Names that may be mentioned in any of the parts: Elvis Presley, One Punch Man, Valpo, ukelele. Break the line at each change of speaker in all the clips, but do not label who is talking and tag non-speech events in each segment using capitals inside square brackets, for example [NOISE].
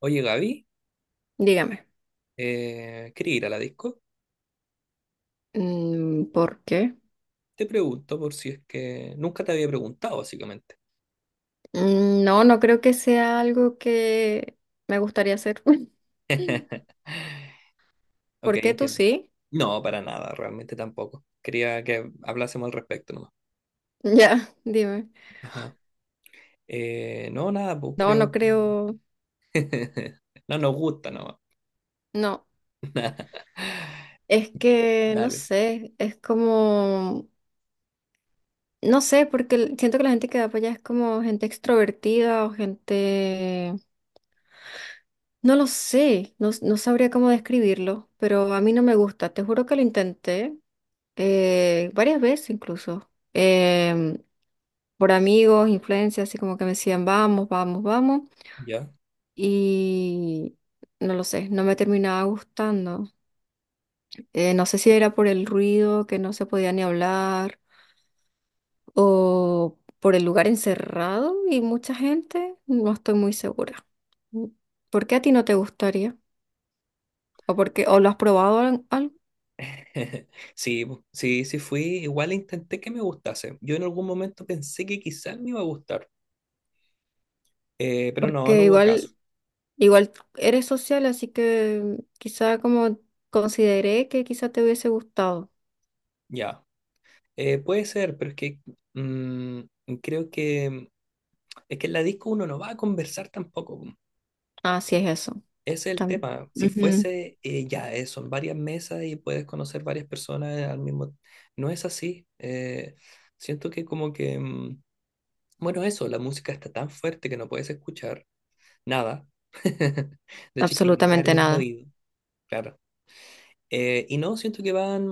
Oye, Gaby,
Dígame,
¿quería ir a la disco?
¿por qué?
Te pregunto por si es que nunca te había preguntado, básicamente.
Mm, no, no creo que sea algo que me gustaría hacer. [LAUGHS]
Ok,
¿Por qué tú
entiendo.
sí?
No, para nada, realmente tampoco. Quería que hablásemos al respecto nomás.
[LAUGHS] Ya, dime.
Ajá. No, nada, pues
No, no
creo que…
creo.
[LAUGHS] No nos gusta nomás.
No, es que no
Dale,
sé, es como, no sé, porque siento que la gente que va para allá es como gente extrovertida o gente, no lo sé, no, no sabría cómo describirlo, pero a mí no me gusta. Te juro que lo intenté varias veces incluso. Por amigos, influencias, así como que me decían, vamos, vamos, vamos.
¿ya?
Y no lo sé, no me terminaba gustando. No sé si era por el ruido, que no se podía ni hablar, o por el lugar encerrado y mucha gente, no estoy muy segura. Mm. ¿Por qué a ti no te gustaría? ¿O o lo has probado algo?
[LAUGHS] Sí, pues, sí, sí fui. Igual intenté que me gustase. Yo en algún momento pensé que quizás me iba a gustar, pero no, no
Porque
hubo caso.
igual, igual eres social, así que quizá como consideré que quizá te hubiese gustado.
Ya. Puede ser, pero es que mm, creo que es que en la disco uno no va a conversar tampoco. Po.
Ah, sí es eso.
Ese es el tema. Si
También.
fuese, ya, son varias mesas y puedes conocer varias personas al mismo… No es así. Siento que como que… bueno, eso, la música está tan fuerte que no puedes escuchar nada. [LAUGHS] De hecho, hay que gritar
Absolutamente
en el
nada.
oído, claro. Y no, siento que van…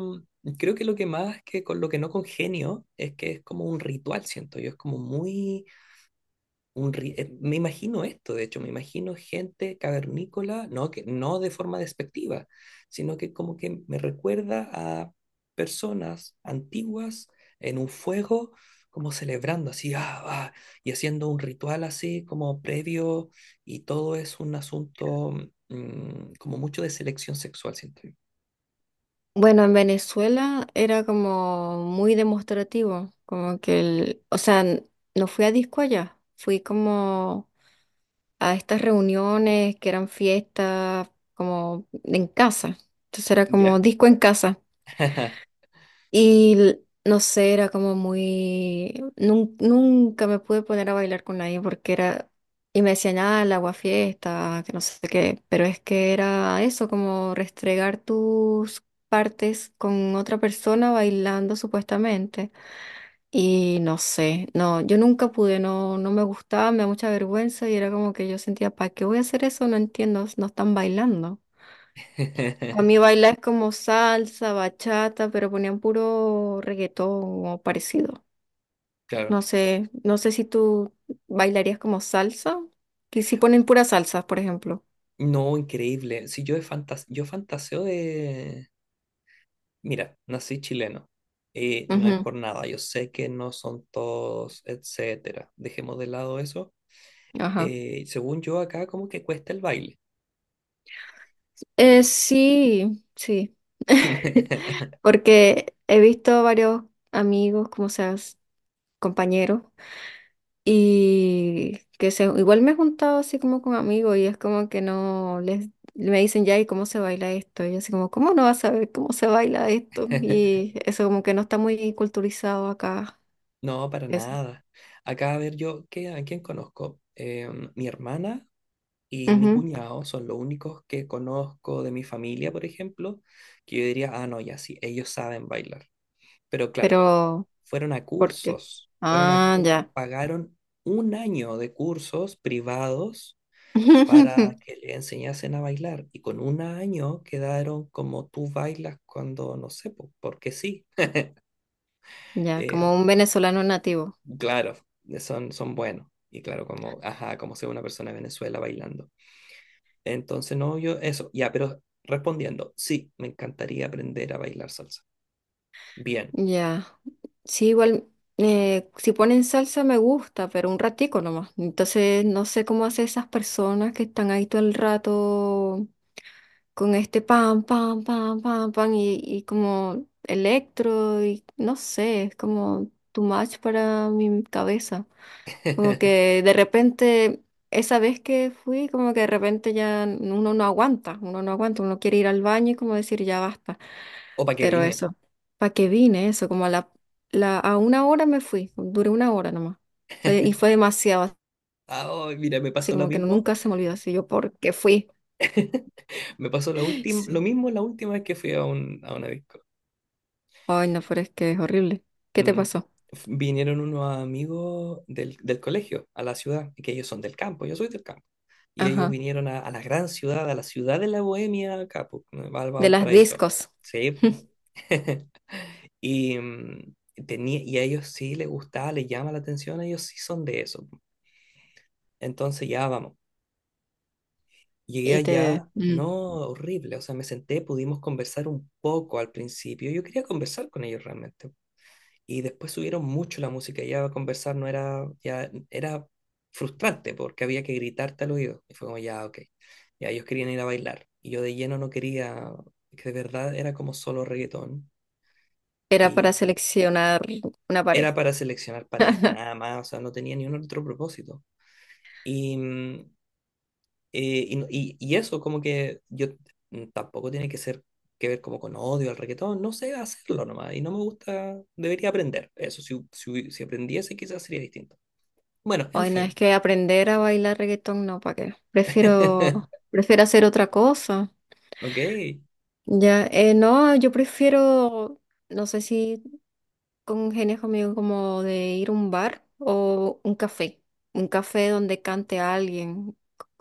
Creo que lo que más que con lo que no congenio es que es como un ritual, siento yo. Es como muy me imagino esto, de hecho, me imagino gente cavernícola, no, que, no de forma despectiva, sino que como que me recuerda a personas antiguas en un fuego, como celebrando así, ah, ah, y haciendo un ritual así como previo, y todo es un asunto como mucho de selección sexual, siento yo.
Bueno, en Venezuela era como muy demostrativo, como que el, o sea, no fui a disco allá, fui como a estas reuniones que eran fiestas como en casa. Entonces era como
Ya.
disco en casa.
[LAUGHS]
Y no sé, era como muy nunca me pude poner a bailar con nadie porque era. Y me decían, ah, el agua fiesta, que no sé qué, pero es que era eso, como restregar tus partes con otra persona bailando supuestamente. Y no sé, no, yo nunca pude, no, no me gustaba, me da mucha vergüenza y era como que yo sentía, ¿para qué voy a hacer eso? No entiendo, no están bailando. A mí
[LAUGHS]
bailar es como salsa, bachata, pero ponían puro reggaetón o parecido.
Claro.
No sé, no sé si tú bailarías como salsa, que si ponen pura salsa, por ejemplo.
No, increíble. Si yo he fantas yo fantaseo de, mira, nací chileno y no es
Ujú,
por nada. Yo sé que no son todos, etcétera. Dejemos de lado eso.
ajá.
Según yo, acá como que cuesta el baile. Y…
Sí, sí. [LAUGHS]
[LAUGHS]
Porque he visto varios amigos, como seas, compañeros. Y que se, igual me he juntado así como con amigos y es como que no les me dicen ya y cómo se baila esto. Y yo así como, ¿cómo no vas a saber cómo se baila esto? Y eso como que no está muy culturizado acá.
No, para
Eso.
nada. Acá, a ver, yo, ¿qué, a quién conozco? Mi hermana y mi
Ujú.
cuñado son los únicos que conozco de mi familia, por ejemplo, que yo diría, ah, no, ya sí, ellos saben bailar. Pero claro,
Pero, ¿por qué?
fueron a
Ah,
cursos,
ya.
pagaron un año de cursos privados
[LAUGHS]
para que le enseñasen a bailar y con un año quedaron como tú bailas cuando, no sé, po- porque sí.
Ya,
Eh,
como un venezolano nativo.
claro, son, son buenos. Y claro, como, ajá, como sea una persona de Venezuela bailando. Entonces, no, yo, eso, ya, pero respondiendo, sí, me encantaría aprender a bailar salsa. Bien.
Ya. Sí, igual, si ponen salsa me gusta, pero un ratico nomás. Entonces, no sé cómo hacen esas personas que están ahí todo el rato con este pam, pam, pam, pam, pam y como electro y no sé, es como too much para mi cabeza. Como
[LAUGHS]
que de repente, esa vez que fui, como que de repente ya uno no aguanta, uno no aguanta, uno quiere ir al baño y como decir ya basta.
¿O para qué
Pero
vine?
eso, ¿para qué vine? Eso, como a la, la, a una hora me fui, duré una hora nomás. Y fue demasiado,
Ah, oh, mira, me
así
pasó lo
como que
mismo.
nunca se me olvidó, así yo, ¿por qué fui?
Me pasó la última, lo
Sí.
mismo la última vez que fui a, un, a una disco.
Ay, no, pero es que es horrible. ¿Qué te
Mm,
pasó?
Vinieron unos amigos del, del colegio a la ciudad, que ellos son del campo, yo soy del campo. Y ellos
Ajá,
vinieron a la gran ciudad, a la ciudad de la Bohemia, acá, po, Val-
de las
Valparaíso.
discos.
Sí.
[LAUGHS]
[LAUGHS] Y, tenía, y a ellos sí les gustaba, les llama la atención, ellos sí son de eso. Entonces ya vamos. Llegué
Y te
allá,
mm.
no horrible, o sea, me senté, pudimos conversar un poco al principio. Yo quería conversar con ellos realmente y después subieron mucho la música y ya conversar no era, ya era frustrante porque había que gritarte al oído. Y fue como, ya, ok, ya ellos querían ir a bailar. Y yo de lleno no quería, que de verdad era como solo reggaetón
Era
y
para seleccionar una
era
pareja.
para seleccionar pareja, nada
[LAUGHS]
más, o sea, no tenía ni un otro propósito. Y, mm, y eso como que yo tampoco tiene que ser que ver como con odio al reggaetón, no sé hacerlo nomás y no me gusta, debería aprender eso, si, si, si aprendiese quizás sería distinto. Bueno, en
Ay, no, es
fin.
que aprender a bailar reggaetón, no, ¿para qué? Prefiero,
[LAUGHS]
prefiero hacer otra cosa.
Ok.
Ya, no, yo prefiero, no sé si con genes conmigo como de ir a un bar o un café donde cante a alguien,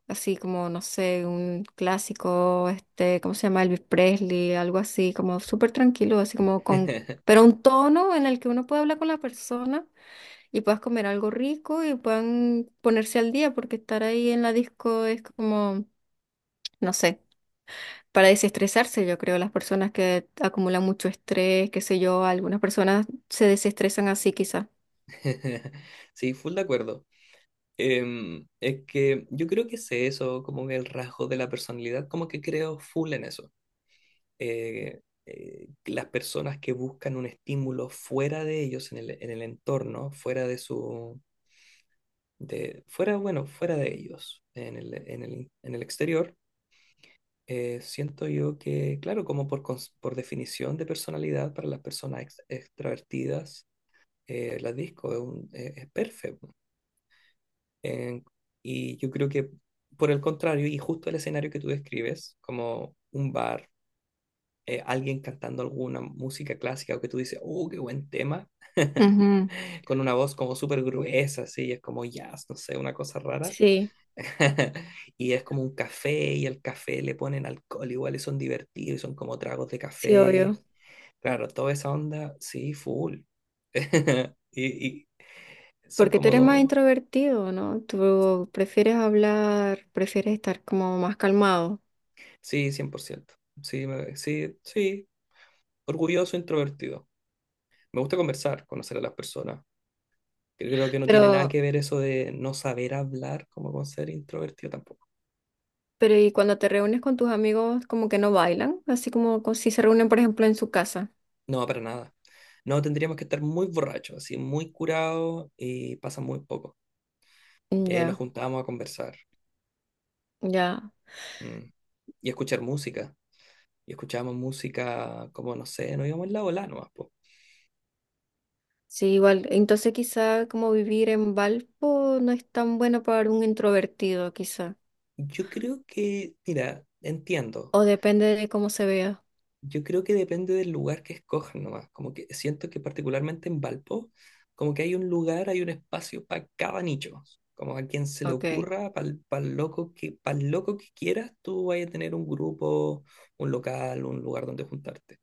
así como, no sé, un clásico, este, ¿cómo se llama? Elvis Presley, algo así, como súper tranquilo, así como con,
[LAUGHS]
pero un tono en el que uno pueda hablar con la persona y puedas comer algo rico y puedan ponerse al día, porque estar ahí en la disco es como, no sé. Para desestresarse, yo creo, las personas que acumulan mucho estrés, qué sé yo, algunas personas se desestresan así quizás.
Sí, full de acuerdo. Es que yo creo que sé eso, como que el rasgo de la personalidad, como que creo full en eso. Las personas que buscan un estímulo fuera de ellos, en el entorno, fuera de su, de, fuera, bueno, fuera de ellos, en el, en el, en el exterior, siento yo que, claro, como por, por definición de personalidad para las personas extrovertidas, la disco, es, un, es perfecto. Eh, y yo creo que por el contrario, y justo el escenario que tú describes, como un bar, alguien cantando alguna música clásica o que tú dices, oh, qué buen tema, [LAUGHS]
Ujú,
con una voz como súper gruesa, así, es como jazz, no sé, una cosa rara.
sí,
[LAUGHS] Y es como un café y al café le ponen alcohol, igual y son divertidos, y son como tragos de
sí,
café.
obvio.
Claro, toda esa onda, sí, full. [LAUGHS] Y, y son
Porque tú
como
eres más
dos.
introvertido, ¿no? Tú prefieres hablar, prefieres estar como más calmado.
Sí, 100%. Sí, orgulloso, introvertido. Me gusta conversar, conocer a las personas. Yo creo que no tiene nada
Pero,
que ver eso de no saber hablar como con ser introvertido tampoco.
pero ¿y cuando te reúnes con tus amigos, como que no bailan? Así como si se reúnen, por ejemplo, en su casa.
No, para nada. No, tendríamos que estar muy borrachos, así, muy curados y pasa muy poco.
Mm,
Nos
ya,
juntábamos a conversar
ya.
mm, y a escuchar música. Y escuchábamos música como, no sé, nos íbamos en la bola nomás, po.
Sí, igual. Entonces quizá como vivir en Valpo no es tan bueno para un introvertido, quizá.
Yo creo que, mira, entiendo.
O depende de cómo se vea.
Yo creo que depende del lugar que escojan nomás. Como que siento que particularmente en Valpo, como que hay un lugar, hay un espacio para cada nicho. Como a quien se le
Ok.
ocurra, para el loco que, para loco que quieras, tú vas a tener un grupo, un local, un lugar donde juntarte.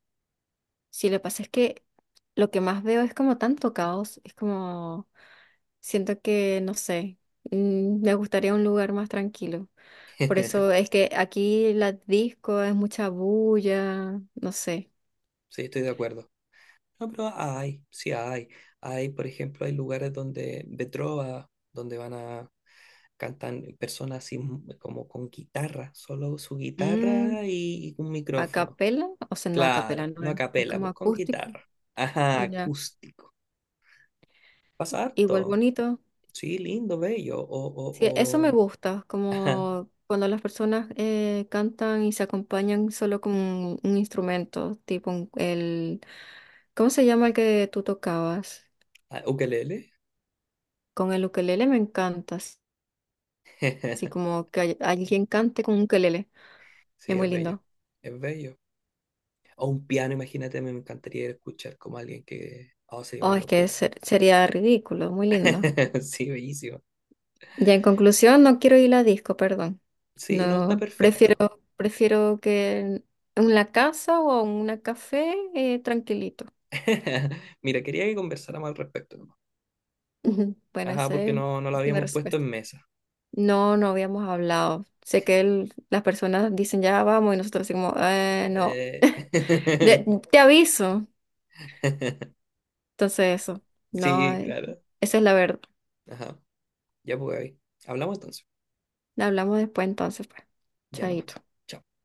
Sí, lo que pasa es que lo que más veo es como tanto caos. Es como. Siento que, no sé, me gustaría un lugar más tranquilo. Por eso
[LAUGHS]
es que aquí la disco es mucha bulla, no sé.
Sí, estoy de acuerdo. No, pero hay, sí hay. Hay, por ejemplo, hay lugares donde, de trova, donde van a cantar personas así como con guitarra, solo su guitarra
Mm,
y un
a
micrófono.
capela, o sea, no a capela,
Claro,
no
no a
es, es
capela,
como
pues con
acústico.
guitarra. Ajá,
Ya,
acústico. Pasa
igual
harto.
bonito.
Sí, lindo, bello.
Sí, eso me
O.
gusta,
[LAUGHS] Ajá,
como cuando las personas cantan y se acompañan solo con un instrumento, tipo el, ¿cómo se llama el que tú tocabas?
ah, ukelele.
Con el ukelele me encanta. Así
[LAUGHS]
como que alguien cante con un ukelele.
Sí,
Es
es
muy
bello.
lindo.
Es bello. O un piano, imagínate, me encantaría escuchar como alguien que. Oh, sería
Oh,
una
es que
locura.
sería ridículo, muy lindo.
[LAUGHS] Sí, bellísimo.
Ya en conclusión, no quiero ir a disco, perdón.
Sí, no, está
No,
perfecto.
prefiero, prefiero que en la casa o en un café tranquilito.
[LAUGHS] Mira, quería que conversáramos al respecto nomás.
Ujú. Bueno,
Ajá,
esa
porque
es,
no, no lo
esa mi
habíamos puesto
respuesta.
en mesa.
No, no habíamos hablado. Sé que las personas dicen ya vamos y nosotros decimos, no.
Eh,
[LAUGHS]
[LAUGHS]
De- te aviso. Entonces eso. No,
Sí, claro.
esa es la verdad.
Ajá, ya pues, Gaby. Hablamos entonces.
Hablamos después entonces, pues.
Ya no más.
Chaito.
Chao.